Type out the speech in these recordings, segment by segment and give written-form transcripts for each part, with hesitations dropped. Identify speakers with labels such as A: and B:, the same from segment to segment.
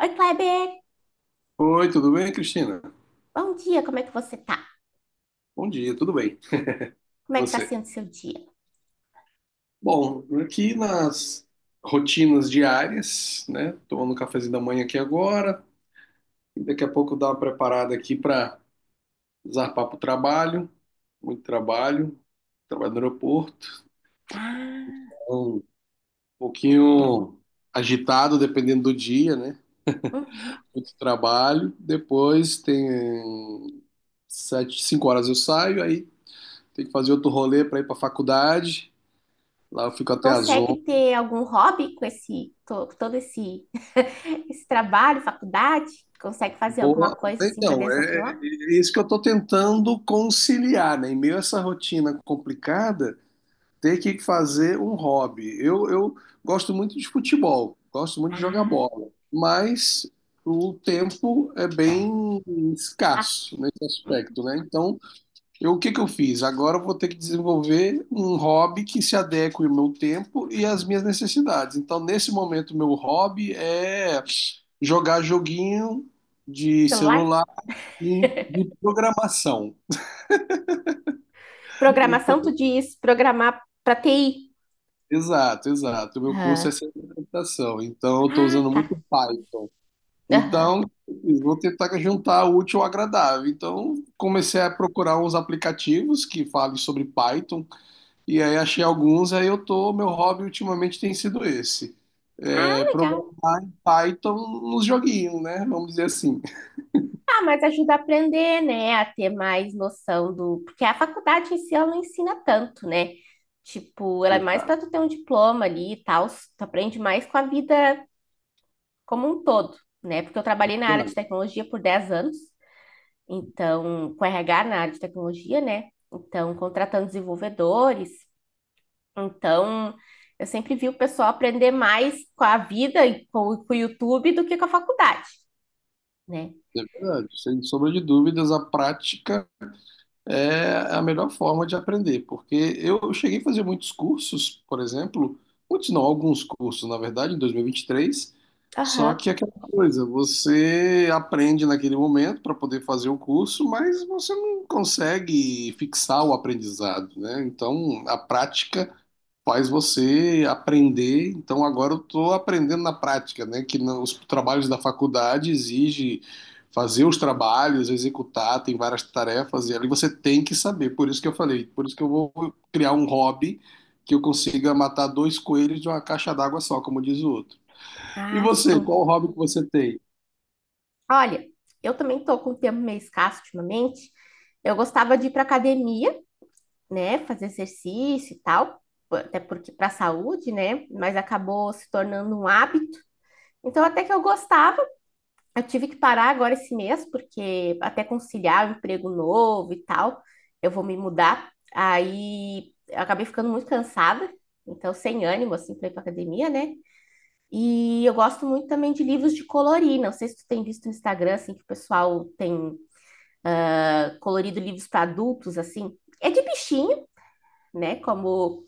A: Oi, Kleber!
B: Oi, tudo bem, Cristina?
A: Bom dia, como é que você tá?
B: Bom dia, tudo bem.
A: Como
B: E
A: é que tá
B: você?
A: sendo seu dia?
B: Bom, aqui nas rotinas diárias, né? Tomando um cafezinho da manhã aqui agora. E daqui a pouco dar uma preparada aqui para zarpar para o trabalho. Muito trabalho. Trabalho no aeroporto.
A: Ah,
B: Então, um pouquinho agitado, dependendo do dia, né?
A: uhum.
B: Muito trabalho. Depois tem sete, cinco horas eu saio, aí tem que fazer outro rolê para ir para a faculdade. Lá eu fico
A: E
B: até as
A: consegue ter algum hobby com todo esse esse trabalho, faculdade? Consegue fazer alguma
B: Boa.
A: coisa assim para
B: Então, é, é
A: desopilar?
B: é isso que eu estou tentando conciliar, né? Em meio a essa rotina complicada, ter que fazer um hobby. Eu gosto muito de futebol, gosto muito de jogar
A: Ah,
B: bola, mas o tempo é bem
A: ah,
B: escasso nesse
A: uhum.
B: aspecto, né? Então, eu, o que que eu fiz? Agora eu vou ter que desenvolver um hobby que se adeque ao meu tempo e às minhas necessidades. Então, nesse momento, meu hobby é jogar joguinho de
A: Celular?
B: celular e de programação. Então,
A: Programação, tu diz programar para TI?
B: exato, exato. O meu curso é
A: Aham.
B: ciência da computação, então eu estou
A: Ah,
B: usando
A: tá.
B: muito Python.
A: Aham.
B: Então, eu vou tentar juntar o útil ao agradável. Então, comecei a procurar uns aplicativos que falem sobre Python, e aí achei alguns, aí eu tô, meu hobby ultimamente tem sido esse.
A: Ah,
B: É,
A: legal.
B: programar em Python nos joguinhos, né? Vamos dizer assim.
A: Ah, mas ajuda a aprender, né? A ter mais noção do. Porque a faculdade em si, ela não ensina tanto, né? Tipo, ela é mais
B: Exato,
A: para tu ter um diploma ali e tal. Tu aprende mais com a vida como um todo, né? Porque eu trabalhei na área de
B: exato.
A: tecnologia por 10 anos, então, com RH na área de tecnologia, né? Então, contratando desenvolvedores. Então, eu sempre vi o pessoal aprender mais com a vida e com o YouTube do que com a faculdade, né?
B: É verdade. Sem sombra de dúvidas, a prática é a melhor forma de aprender, porque eu cheguei a fazer muitos cursos, por exemplo, muitos não, alguns cursos, na verdade, em 2023, só
A: Aham.
B: que aquela coisa, você aprende naquele momento para poder fazer o curso, mas você não consegue fixar o aprendizado, né? Então, a prática faz você aprender. Então agora eu estou aprendendo na prática, né? Que os trabalhos da faculdade exige fazer os trabalhos, executar, tem várias tarefas e ali você tem que saber. Por isso que eu falei, por isso que eu vou criar um hobby que eu consiga matar dois coelhos de uma caixa d'água só, como diz o outro. E
A: Ah,
B: você,
A: sim.
B: qual hobby que você tem?
A: Olha, eu também tô com o tempo meio escasso ultimamente. Eu gostava de ir para academia, né, fazer exercício e tal, até porque para a saúde, né, mas acabou se tornando um hábito. Então até que eu gostava. Eu tive que parar agora esse mês porque até conciliar o emprego novo e tal, eu vou me mudar. Aí eu acabei ficando muito cansada, então sem ânimo assim para ir para academia, né? E eu gosto muito também de livros de colorir. Não sei se tu tem visto no Instagram assim que o pessoal tem colorido livros para adultos, assim, é de bichinho, né?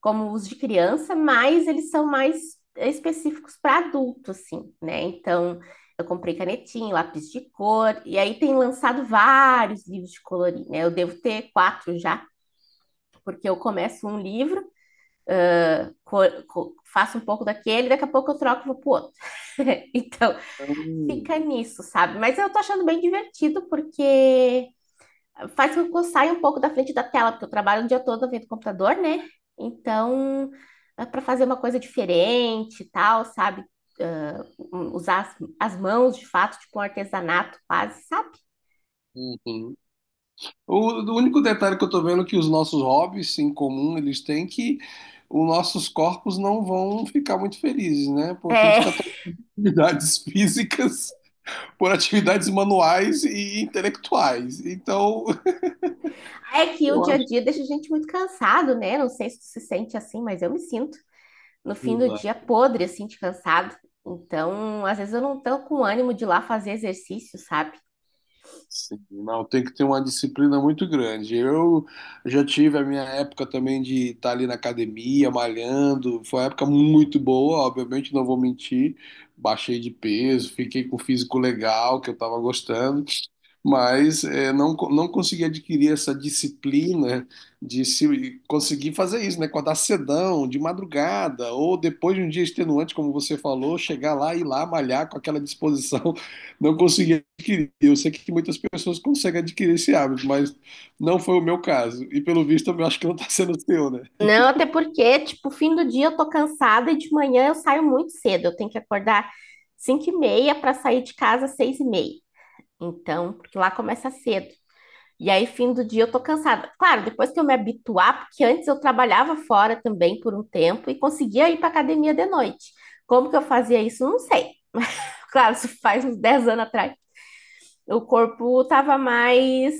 A: Como os de criança, mas eles são mais específicos para adulto, assim, né? Então, eu comprei canetinha, lápis de cor, e aí tem lançado vários livros de colorir, né? Eu devo ter quatro já, porque eu começo um livro, cor, cor, faço um pouco daquele, daqui a pouco eu troco e vou pro outro. Então,
B: Hum,
A: fica nisso, sabe? Mas eu tô achando bem divertido, porque faz com que eu saia um pouco da frente da tela, porque eu trabalho o dia todo vendo computador, né? Então, para fazer uma coisa diferente e tal, sabe? Ah, usar as mãos de fato, tipo um artesanato quase, sabe?
B: uhum. O, o único detalhe que eu tô vendo é que os nossos hobbies em comum, eles têm que os nossos corpos não vão ficar muito felizes, né? Porque a gente está
A: É,
B: trocando atividades físicas por atividades manuais e intelectuais. Então,
A: é que o dia a
B: eu
A: dia deixa a gente muito cansado, né? Não sei se tu se sente assim, mas eu me sinto no fim do
B: acho.
A: dia podre, assim, de cansado. Então, às vezes eu não tô com ânimo de ir lá fazer exercício, sabe?
B: Sim, não, tem que ter uma disciplina muito grande. Eu já tive a minha época também de estar ali na academia, malhando. Foi uma época muito boa, obviamente, não vou mentir. Baixei de peso, fiquei com o físico legal, que eu estava gostando, mas não consegui adquirir essa disciplina de se, conseguir fazer isso, né? Acordar cedão, de madrugada, ou depois de um dia extenuante, como você falou, chegar lá e ir lá malhar com aquela disposição não consegui adquirir. Eu sei que muitas pessoas conseguem adquirir esse hábito, mas não foi o meu caso. E pelo visto, eu acho que não está sendo o seu, né?
A: Não, até porque, tipo, fim do dia eu tô cansada e de manhã eu saio muito cedo. Eu tenho que acordar 5 e meia para sair de casa às 6 e meia. Então, porque lá começa cedo. E aí, fim do dia eu tô cansada. Claro, depois que eu me habituar, porque antes eu trabalhava fora também por um tempo e conseguia ir para academia de noite. Como que eu fazia isso? Não sei. Claro, isso faz uns 10 anos atrás o corpo estava mais,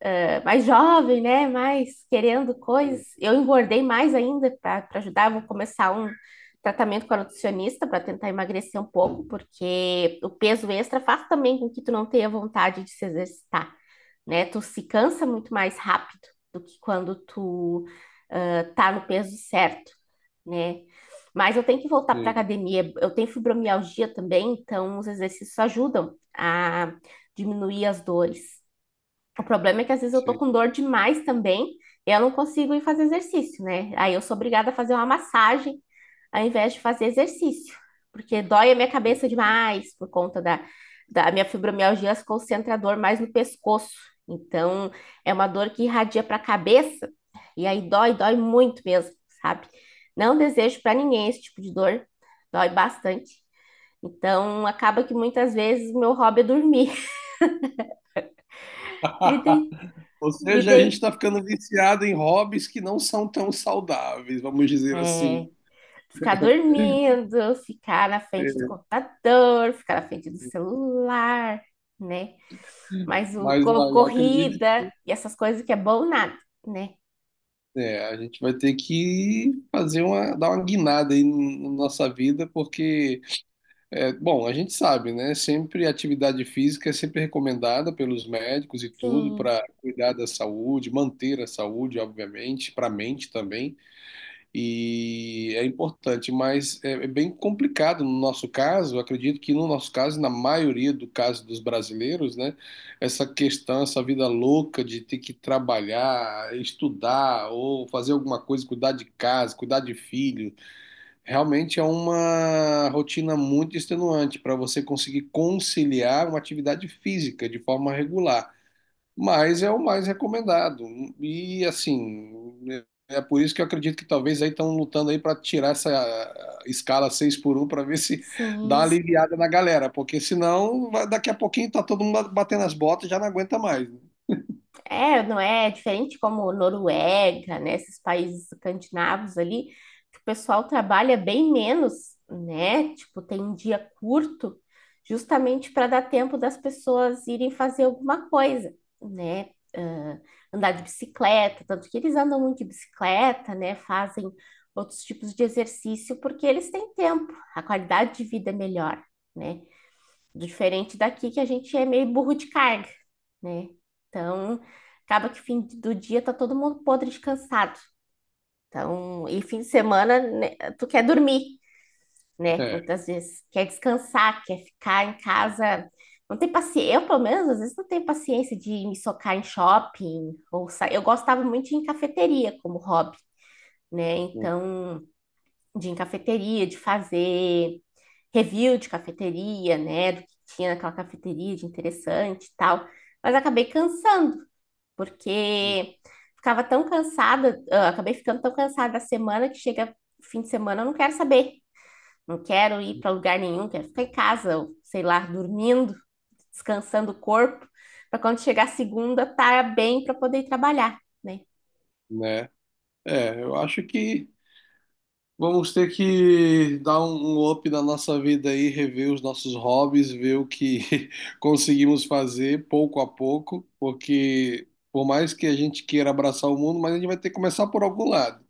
A: mais jovem, né? Mais querendo coisas. Eu engordei mais ainda para ajudar. Vou começar um tratamento com a nutricionista para tentar emagrecer um pouco, porque o peso extra faz também com que tu não tenha vontade de se exercitar, né? Tu se cansa muito mais rápido do que quando tu ah, tá no peso certo, né? Mas eu tenho que voltar para a
B: Sim,
A: academia. Eu tenho fibromialgia também, então os exercícios ajudam a diminuir as dores. O problema é que às vezes eu tô
B: sim.
A: com dor demais também, e eu não consigo ir fazer exercício, né? Aí eu sou obrigada a fazer uma massagem ao invés de fazer exercício, porque dói a minha cabeça demais por conta da minha fibromialgia, se concentra a dor mais no pescoço. Então, é uma dor que irradia para a cabeça e aí dói, dói muito mesmo, sabe? Não desejo para ninguém esse tipo de dor, dói bastante. Então, acaba que muitas vezes o meu hobby é dormir. Me deita,
B: Ou
A: me
B: seja, a gente
A: deita.
B: está ficando viciado em hobbies que não são tão saudáveis, vamos dizer
A: É,
B: assim.
A: ficar dormindo, ficar na frente do computador, ficar na frente do celular, né? Mas o
B: Mas olha, acredito
A: corrida e essas coisas que é bom nada, né?
B: que é, a gente vai ter que fazer uma, dar uma guinada aí na nossa vida, porque é, bom, a gente sabe, né? Sempre atividade física é sempre recomendada pelos médicos e tudo
A: Sim,
B: para cuidar da saúde, manter a saúde, obviamente, para a mente também. E é importante, mas é, é bem complicado no nosso caso. Eu Acredito que no nosso caso, na maioria do caso dos brasileiros, né? Essa questão, essa vida louca de ter que trabalhar, estudar ou fazer alguma coisa, cuidar de casa, cuidar de filho. Realmente é uma rotina muito extenuante para você conseguir conciliar uma atividade física de forma regular, mas é o mais recomendado. E assim, é por isso que eu acredito que talvez aí estão lutando aí para tirar essa escala 6 por um para ver se dá uma
A: sim.
B: aliviada na galera, porque senão daqui a pouquinho tá todo mundo batendo as botas e já não aguenta mais.
A: É, não é diferente como Noruega, né? Esses países escandinavos ali, que o pessoal trabalha bem menos, né? Tipo, tem um dia curto, justamente para dar tempo das pessoas irem fazer alguma coisa, né? Ah, andar de bicicleta, tanto que eles andam muito de bicicleta, né? Fazem outros tipos de exercício, porque eles têm tempo, a qualidade de vida é melhor, né? Diferente daqui que a gente é meio burro de carga, né? Então, acaba que fim do dia tá todo mundo podre descansado. Então, e fim de semana, né, tu quer dormir, né?
B: Né? É,
A: Muitas vezes quer descansar, quer ficar em casa. Não tem paciência, eu pelo menos às vezes não tenho paciência de me socar em shopping ou sa... Eu gostava muito de ir em cafeteria como hobby, né? Então, de em cafeteria, de fazer review de cafeteria, né? Do que tinha naquela cafeteria de interessante e tal. Mas acabei cansando, porque ficava tão cansada, ah, acabei ficando tão cansada da semana que chega fim de semana, eu não quero saber. Não quero ir para lugar nenhum, quero ficar em casa, ou, sei lá, dormindo, descansando o corpo, para quando chegar a segunda, estar tá bem para poder ir trabalhar, né?
B: né? É, eu acho que vamos ter que dar um up na nossa vida aí, rever os nossos hobbies, ver o que conseguimos fazer pouco a pouco, porque por mais que a gente queira abraçar o mundo, mas a gente vai ter que começar por algum lado.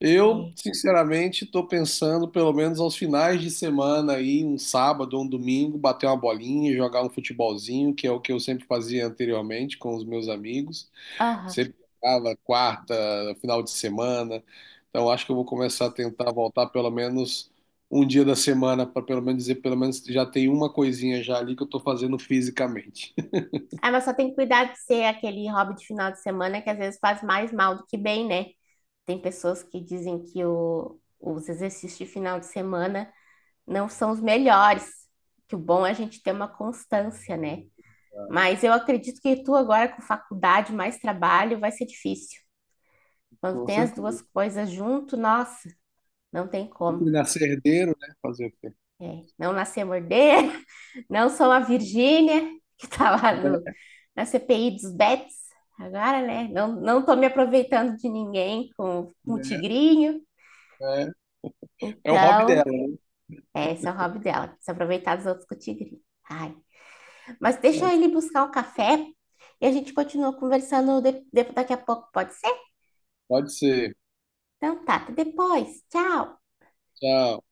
B: Eu,
A: É.
B: sinceramente, estou pensando, pelo menos aos finais de semana aí, um sábado ou um domingo, bater uma bolinha, jogar um futebolzinho, que é o que eu sempre fazia anteriormente com os meus amigos.
A: Aham.
B: Sempre jogava quarta, final de semana. Então acho que eu vou começar a tentar voltar pelo menos um dia da semana para pelo menos dizer, pelo menos já tem uma coisinha já ali que eu estou fazendo fisicamente.
A: Ah, mas só tem que cuidar de ser aquele hobby de final de semana que às vezes faz mais mal do que bem, né? Tem pessoas que dizem que os exercícios de final de semana não são os melhores, que o bom é a gente ter uma constância, né? Mas eu acredito que tu agora com faculdade mais trabalho vai ser difícil. Quando
B: Com
A: tem as duas
B: certeza.
A: coisas junto, nossa, não tem
B: Fui
A: como.
B: nascer herdeiro, né? Fazer o quê?
A: É, não nascer morder. Não sou a Virgínia, que está lá no,
B: É,
A: na CPI dos bets, agora, né? Não, não tô me aproveitando de ninguém com o tigrinho.
B: é. É o hobby
A: Então,
B: dela.
A: é, esse é o hobby dela, se aproveitar dos outros com o tigrinho. Ai. Mas
B: Né?
A: deixa ele buscar o café e a gente continua conversando daqui a pouco, pode ser?
B: Pode ser.
A: Então tá, até depois. Tchau!
B: Tchau.